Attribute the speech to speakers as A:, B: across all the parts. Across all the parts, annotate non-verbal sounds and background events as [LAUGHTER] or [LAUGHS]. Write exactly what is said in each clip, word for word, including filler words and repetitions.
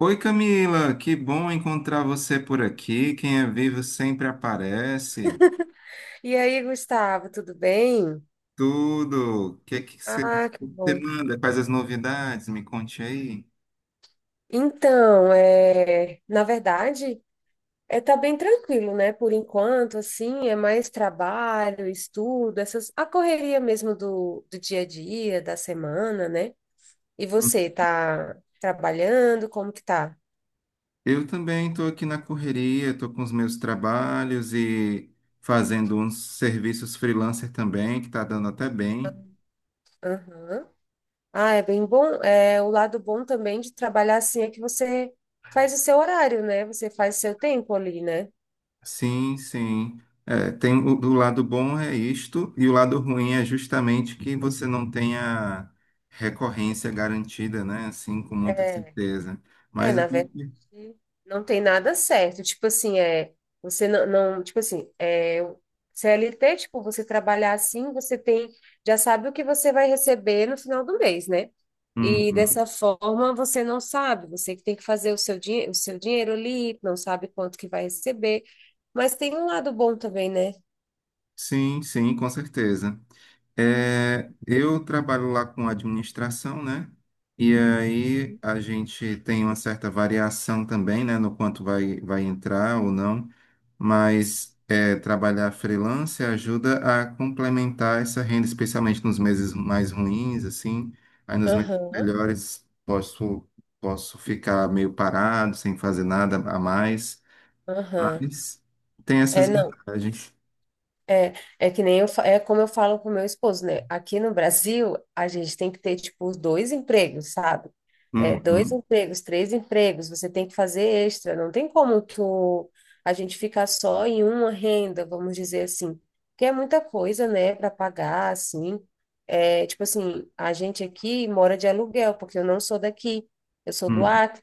A: Oi, Camila, que bom encontrar você por aqui. Quem é vivo sempre aparece.
B: E aí, Gustavo, tudo bem?
A: Tudo. O que que você
B: Ah, que
A: você
B: bom.
A: manda? Quais as novidades? Me conte aí.
B: Então, é, na verdade, é tá bem tranquilo, né? Por enquanto, assim, é mais trabalho, estudo, essas a correria mesmo do, do dia a dia, da semana, né? E você tá trabalhando? Como que tá?
A: Eu também estou aqui na correria, estou com os meus trabalhos e fazendo uns serviços freelancer também, que está dando até bem.
B: Aham. Ah, é bem bom. É, o lado bom também de trabalhar assim é que você faz o seu horário, né? Você faz o seu tempo ali, né?
A: Sim, sim. É, tem o, o lado bom é isto, e o lado ruim é justamente que você não tenha recorrência garantida, né? Assim, com muita certeza.
B: É,
A: Mas a
B: na verdade,
A: gente.
B: não tem nada certo. Tipo assim, é, você não, não, tipo assim, é, o C L T, tipo, você trabalhar assim, você tem, já sabe o que você vai receber no final do mês, né? E
A: Uhum.
B: dessa forma você não sabe, você que tem que fazer o seu, dinhe- o seu dinheiro ali, não sabe quanto que vai receber. Mas tem um lado bom também, né?
A: Sim, sim, com certeza. É, eu trabalho lá com administração, né? E aí a gente tem uma certa variação também, né, no quanto vai, vai entrar ou não, mas é, trabalhar freelance ajuda a complementar essa renda, especialmente nos meses mais ruins, assim. Aí nos meses
B: Aham,
A: melhores posso, posso ficar meio parado, sem fazer nada a mais,
B: aham.
A: mas tem
B: É,
A: essas
B: não.
A: vantagens.
B: É, é que nem eu, fa- é como eu falo com o meu esposo, né? Aqui no Brasil, a gente tem que ter, tipo, dois empregos, sabe? É, dois
A: Uhum,
B: empregos, três empregos, você tem que fazer extra, não tem como tu, a gente ficar só em uma renda, vamos dizer assim, porque é muita coisa, né, para pagar, assim. É, tipo assim, a gente aqui mora de aluguel, porque eu não sou daqui, eu sou do
A: uhum,
B: Acre.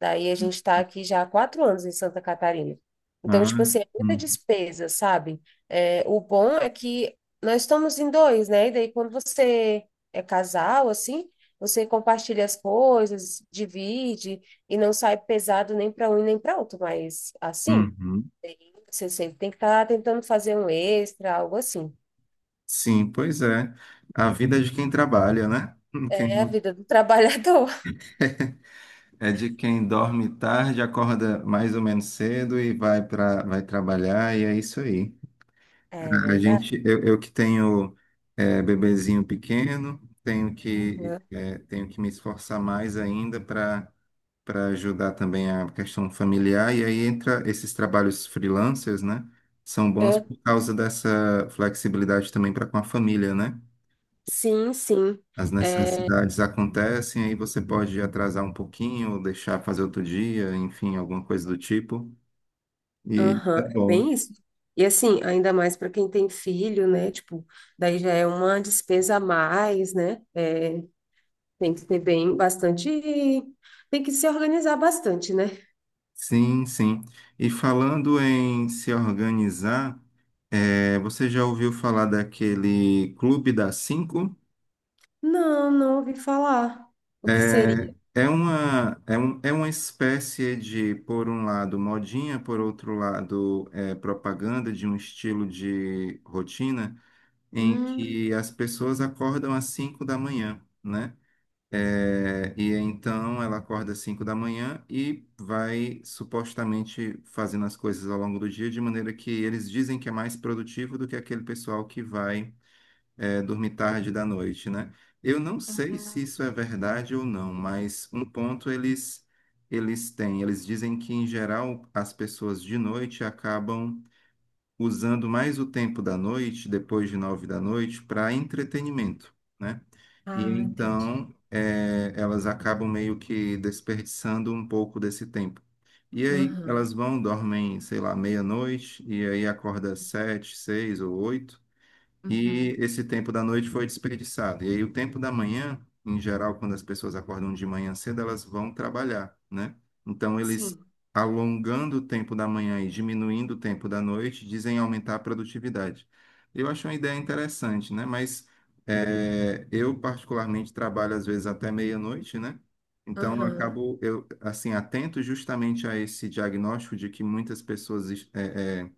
B: Daí a gente está aqui já há quatro anos em Santa Catarina. Então,
A: ah,
B: tipo assim, é muita
A: uhum,
B: despesa, sabe? É, o bom é que nós estamos em dois, né? E daí quando você é casal, assim, você compartilha as coisas, divide e não sai pesado nem para um e nem para outro. Mas assim,
A: uhum.
B: você sempre tem que estar tentando fazer um extra, algo assim.
A: Sim, pois é. A vida é de quem trabalha, né? [LAUGHS] Quem-
B: É a vida do trabalhador. [LAUGHS]
A: É de quem dorme tarde, acorda mais ou menos cedo e vai para vai trabalhar, e é isso aí.
B: É
A: A
B: verdade.
A: gente, eu, eu que tenho é, bebezinho pequeno, tenho que,
B: Uhum.
A: é, tenho que me esforçar mais ainda para para ajudar também a questão familiar, e aí entra esses trabalhos freelancers, né? São bons
B: É,
A: por causa dessa flexibilidade também para com a família, né?
B: sim, sim.
A: As
B: É,
A: necessidades acontecem, aí você pode atrasar um pouquinho, ou deixar fazer outro dia, enfim, alguma coisa do tipo. E é
B: aham, é
A: bom.
B: bem isso. E assim, ainda mais para quem tem filho, né? Tipo, daí já é uma despesa a mais, né? É, tem que ter bem bastante, tem que se organizar bastante, né?
A: Sim, sim. E falando em se organizar, é, você já ouviu falar daquele Clube das Cinco?
B: Não, não ouvi falar. O que
A: É,
B: seria?
A: é uma, é um, é uma espécie de, por um lado, modinha, por outro lado, é, propaganda de um estilo de rotina em
B: Hum,
A: que as pessoas acordam às cinco da manhã, né? É, e então ela acorda às cinco da manhã e vai supostamente fazendo as coisas ao longo do dia, de maneira que eles dizem que é mais produtivo do que aquele pessoal que vai, é, dormir tarde da noite, né? Eu não sei se isso é verdade ou não, mas um ponto eles, eles têm. Eles dizem que, em geral, as pessoas de noite acabam usando mais o tempo da noite, depois de nove da noite, para entretenimento, né? E
B: ah, entendi.
A: então eh, elas acabam meio que desperdiçando um pouco desse tempo. E aí
B: Aham.
A: elas vão, dormem, sei lá, meia-noite, e aí acorda às sete, seis ou oito, e
B: Uhum.
A: esse tempo da noite foi desperdiçado. E aí, o tempo da manhã, em geral, quando as pessoas acordam de manhã cedo, elas vão trabalhar, né? Então, eles
B: Sim.
A: alongando o tempo da manhã e diminuindo o tempo da noite, dizem aumentar a produtividade. Eu acho uma ideia interessante, né? Mas é, eu, particularmente, trabalho às vezes até meia-noite, né? Então, eu
B: Aham.
A: acabo, eu, assim, atento justamente a esse diagnóstico de que muitas pessoas é, é,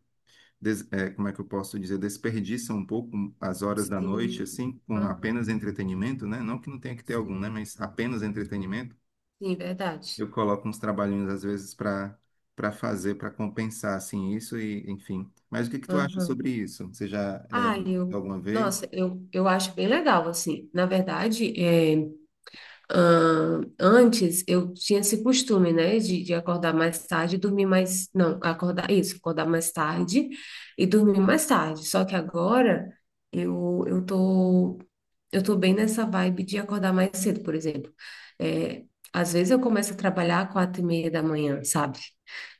A: des- é, como é que eu posso dizer, desperdiça um pouco as horas da noite,
B: Sim.
A: assim, com
B: Aham.
A: apenas entretenimento, né? Não que não tenha que ter algum, né?
B: Sim,
A: Mas apenas entretenimento.
B: sim, verdade.
A: Eu coloco uns trabalhinhos, às vezes, para para fazer, para compensar, assim, isso e, enfim. Mas o que que tu acha
B: Aham.
A: sobre isso? Você já, é,
B: Ah, eu,
A: alguma vez?
B: nossa, eu, eu acho bem legal, assim. Na verdade, é. Ah, antes eu tinha esse costume, né, de, de acordar mais tarde e dormir mais. Não, acordar isso, acordar mais tarde e dormir mais tarde. Só que agora eu, eu tô. Eu tô bem nessa vibe de acordar mais cedo, por exemplo. É, às vezes eu começo a trabalhar às quatro e meia da manhã, sabe?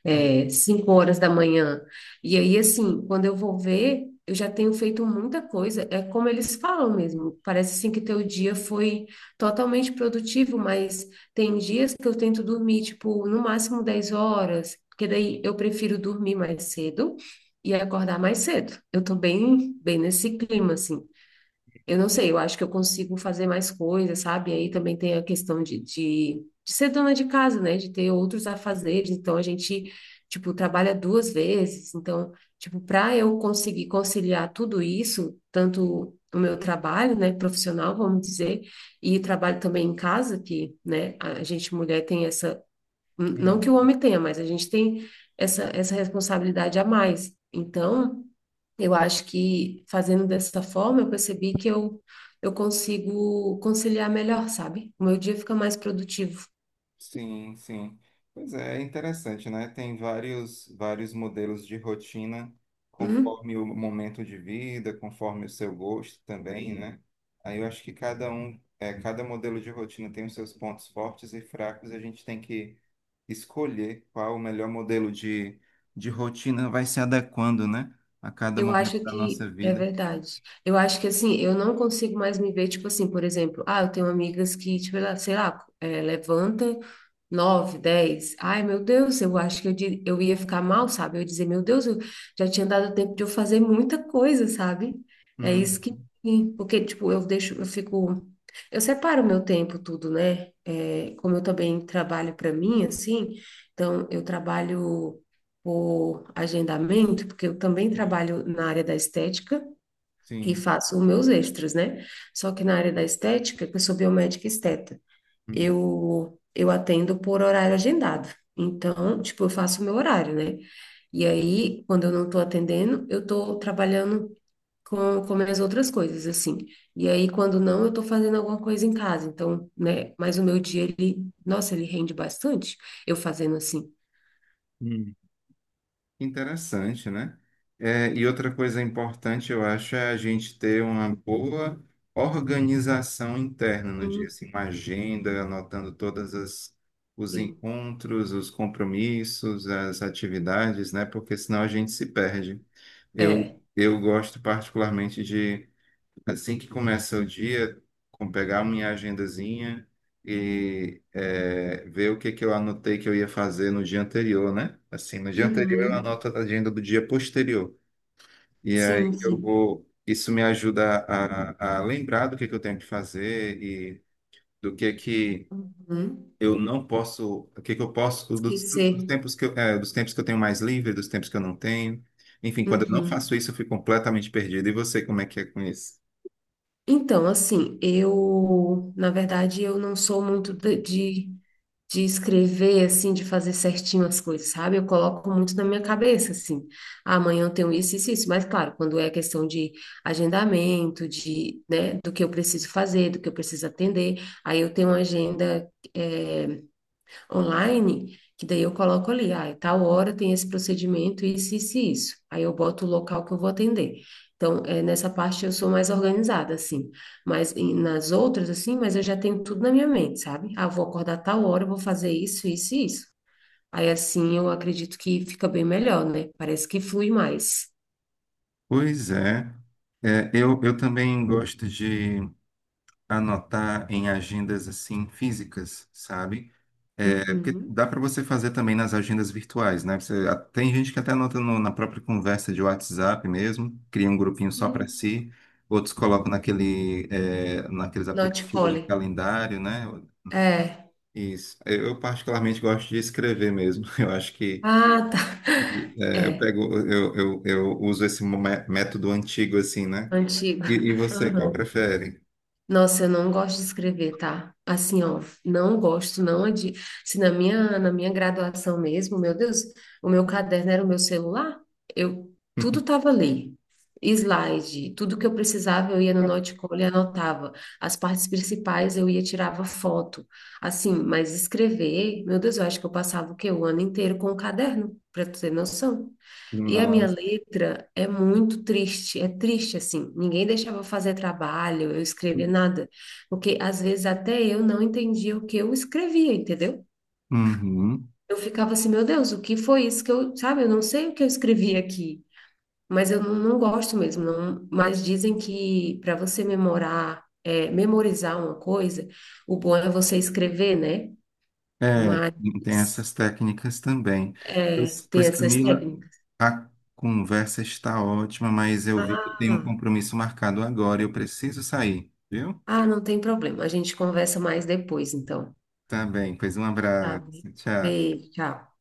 B: É, cinco horas da manhã. E aí, assim, quando eu vou ver, eu já tenho feito muita coisa. É como eles falam mesmo. Parece assim que teu dia foi totalmente produtivo, mas tem dias que eu tento dormir, tipo, no máximo dez horas, porque daí eu prefiro dormir mais cedo e acordar mais cedo. Eu tô bem, bem nesse clima, assim. Eu não sei, eu acho que eu consigo fazer mais coisas, sabe? Aí também tem a questão de, de, de ser dona de casa, né? De ter outros afazeres. Então, a gente, tipo, trabalha duas vezes. Então, tipo, para eu conseguir conciliar tudo isso, tanto o meu trabalho, né, profissional, vamos dizer, e trabalho também em casa, que, né, a gente mulher tem essa N- Não que o
A: Uhum.
B: homem tenha, mas a gente tem essa, essa responsabilidade a mais. Então, eu acho que fazendo dessa forma, eu percebi que eu, eu consigo conciliar melhor, sabe? O meu dia fica mais produtivo.
A: Sim, sim. Pois é, é interessante, né? Tem vários, vários modelos de rotina,
B: Uhum.
A: conforme o momento de vida, conforme o seu gosto também, né? Aí eu acho que cada um, é, cada modelo de rotina tem os seus pontos fortes e fracos, e a gente tem que escolher qual o melhor modelo de, de rotina vai se adequando, né? A cada
B: Eu
A: momento
B: acho
A: da
B: que
A: nossa
B: é
A: vida.
B: verdade. Eu acho que assim, eu não consigo mais me ver, tipo assim, por exemplo, ah, eu tenho amigas que, tipo, ela- sei lá, é, levanta nove, dez. Ai, meu Deus, eu acho que eu, di- eu ia ficar mal, sabe? Eu ia dizer, meu Deus, eu já tinha dado tempo de eu fazer muita coisa, sabe? É isso que.
A: Uhum.
B: Porque, tipo, eu deixo, eu fico. Eu separo meu tempo, tudo, né? É, como eu também trabalho para mim, assim, então eu trabalho por agendamento, porque eu também
A: Sim,
B: trabalho na área da estética e
A: sim.
B: faço os meus extras, né? Só que na área da estética, que eu sou biomédica esteta, eu, eu atendo por horário agendado. Então, tipo, eu faço o meu horário, né? E aí, quando eu não estou atendendo, eu estou trabalhando com, com minhas outras coisas, assim. E aí, quando não, eu estou fazendo alguma coisa em casa. Então, né? Mas o meu dia, ele, nossa, ele rende bastante eu fazendo assim.
A: Uhum. Interessante, né? É, e outra coisa importante, eu acho, é a gente ter uma boa organização interna no dia,
B: Uhum.
A: assim, uma agenda, anotando todas as os
B: Sim.
A: encontros, os compromissos, as atividades, né? Porque senão a gente se perde. Eu,
B: É.
A: eu gosto particularmente de assim que começa o dia, com pegar minha agendazinha e eh, ver o que que eu anotei que eu ia fazer no dia anterior, né? Assim, no dia anterior eu
B: Uhum.
A: anoto a agenda do dia posterior. E
B: Sim,
A: aí eu
B: sim.
A: vou. Isso me ajuda a, a lembrar do que que eu tenho que fazer e do que que
B: Uhum.
A: eu não posso, o que que eu posso, dos, dos
B: Esquecer.
A: tempos que eu, eh, dos tempos que eu tenho mais livre, dos tempos que eu não tenho. Enfim, quando eu não
B: Uhum.
A: faço isso, eu fico completamente perdido. E você, como é que é com isso?
B: Então, assim, eu, na verdade, eu não sou muito de, de de escrever, assim, de fazer certinho as coisas, sabe? Eu coloco muito na minha cabeça, assim, "Ah, amanhã eu tenho isso, isso, isso." Mas, claro, quando é questão de agendamento, de, né, do que eu preciso fazer, do que eu preciso atender, aí eu tenho uma agenda, eh, online, que daí eu coloco ali, ah, é tal hora tem esse procedimento, isso, isso, e isso. Aí eu boto o local que eu vou atender. Então, é, nessa parte eu sou mais organizada, assim. Mas em- nas outras, assim, mas eu já tenho tudo na minha mente, sabe? Ah, vou acordar tal hora, eu vou fazer isso, isso e isso. Aí assim eu acredito que fica bem melhor, né? Parece que flui mais.
A: Pois é. É, eu, eu também gosto de anotar em agendas assim físicas, sabe? É, porque
B: Uhum.
A: dá para você fazer também nas agendas virtuais, né? Você, a- tem gente que até anota no- na própria conversa de WhatsApp mesmo, cria um grupinho só para
B: Hum.
A: si, outros colocam naquele, é, naqueles
B: Not
A: aplicativos de
B: Folly.
A: calendário, né?
B: É.
A: Isso. Eu, eu particularmente gosto de escrever mesmo. [LAUGHS] Eu acho que
B: Ah, tá.
A: é, eu
B: É.
A: pego, eu, eu, eu uso esse mé- método antigo assim, né?
B: Antigo.
A: E, e você, qual
B: Aham.
A: prefere?
B: Nossa, eu não gosto de escrever, tá? Assim, ó, não gosto, não é de. Se na minha, na minha graduação mesmo, meu Deus, o meu caderno era o meu celular, eu tudo
A: [LAUGHS]
B: tava ali. Slide, tudo que eu precisava, eu ia no Notebook e anotava. As partes principais eu ia tirava foto. Assim, mas escrever, meu Deus, eu acho que eu passava o quê? O ano inteiro com o caderno, para tu ter noção. E a minha
A: Nossa.
B: letra é muito triste, é triste assim. Ninguém deixava eu fazer trabalho, eu escrever nada, porque às vezes até eu não entendia o que eu escrevia, entendeu?
A: Uhum.
B: Eu ficava assim, meu Deus, o que foi isso que eu, sabe? Eu não sei o que eu escrevi aqui, mas eu não, não gosto mesmo. Não, mas dizem que para você memorar, é, memorizar uma coisa, o bom é você escrever, né?
A: É,
B: Mas
A: tem essas técnicas também.
B: é,
A: Pois,
B: tem
A: pois,
B: essas
A: Camila,
B: técnicas.
A: a conversa está ótima, mas eu vi que eu tenho um
B: Ah.
A: compromisso marcado agora e eu preciso sair, viu?
B: Ah, não tem problema. A gente conversa mais depois, então.
A: Tá bem, pois um
B: Tá bem.
A: abraço. Tchau.
B: Beijo, tchau.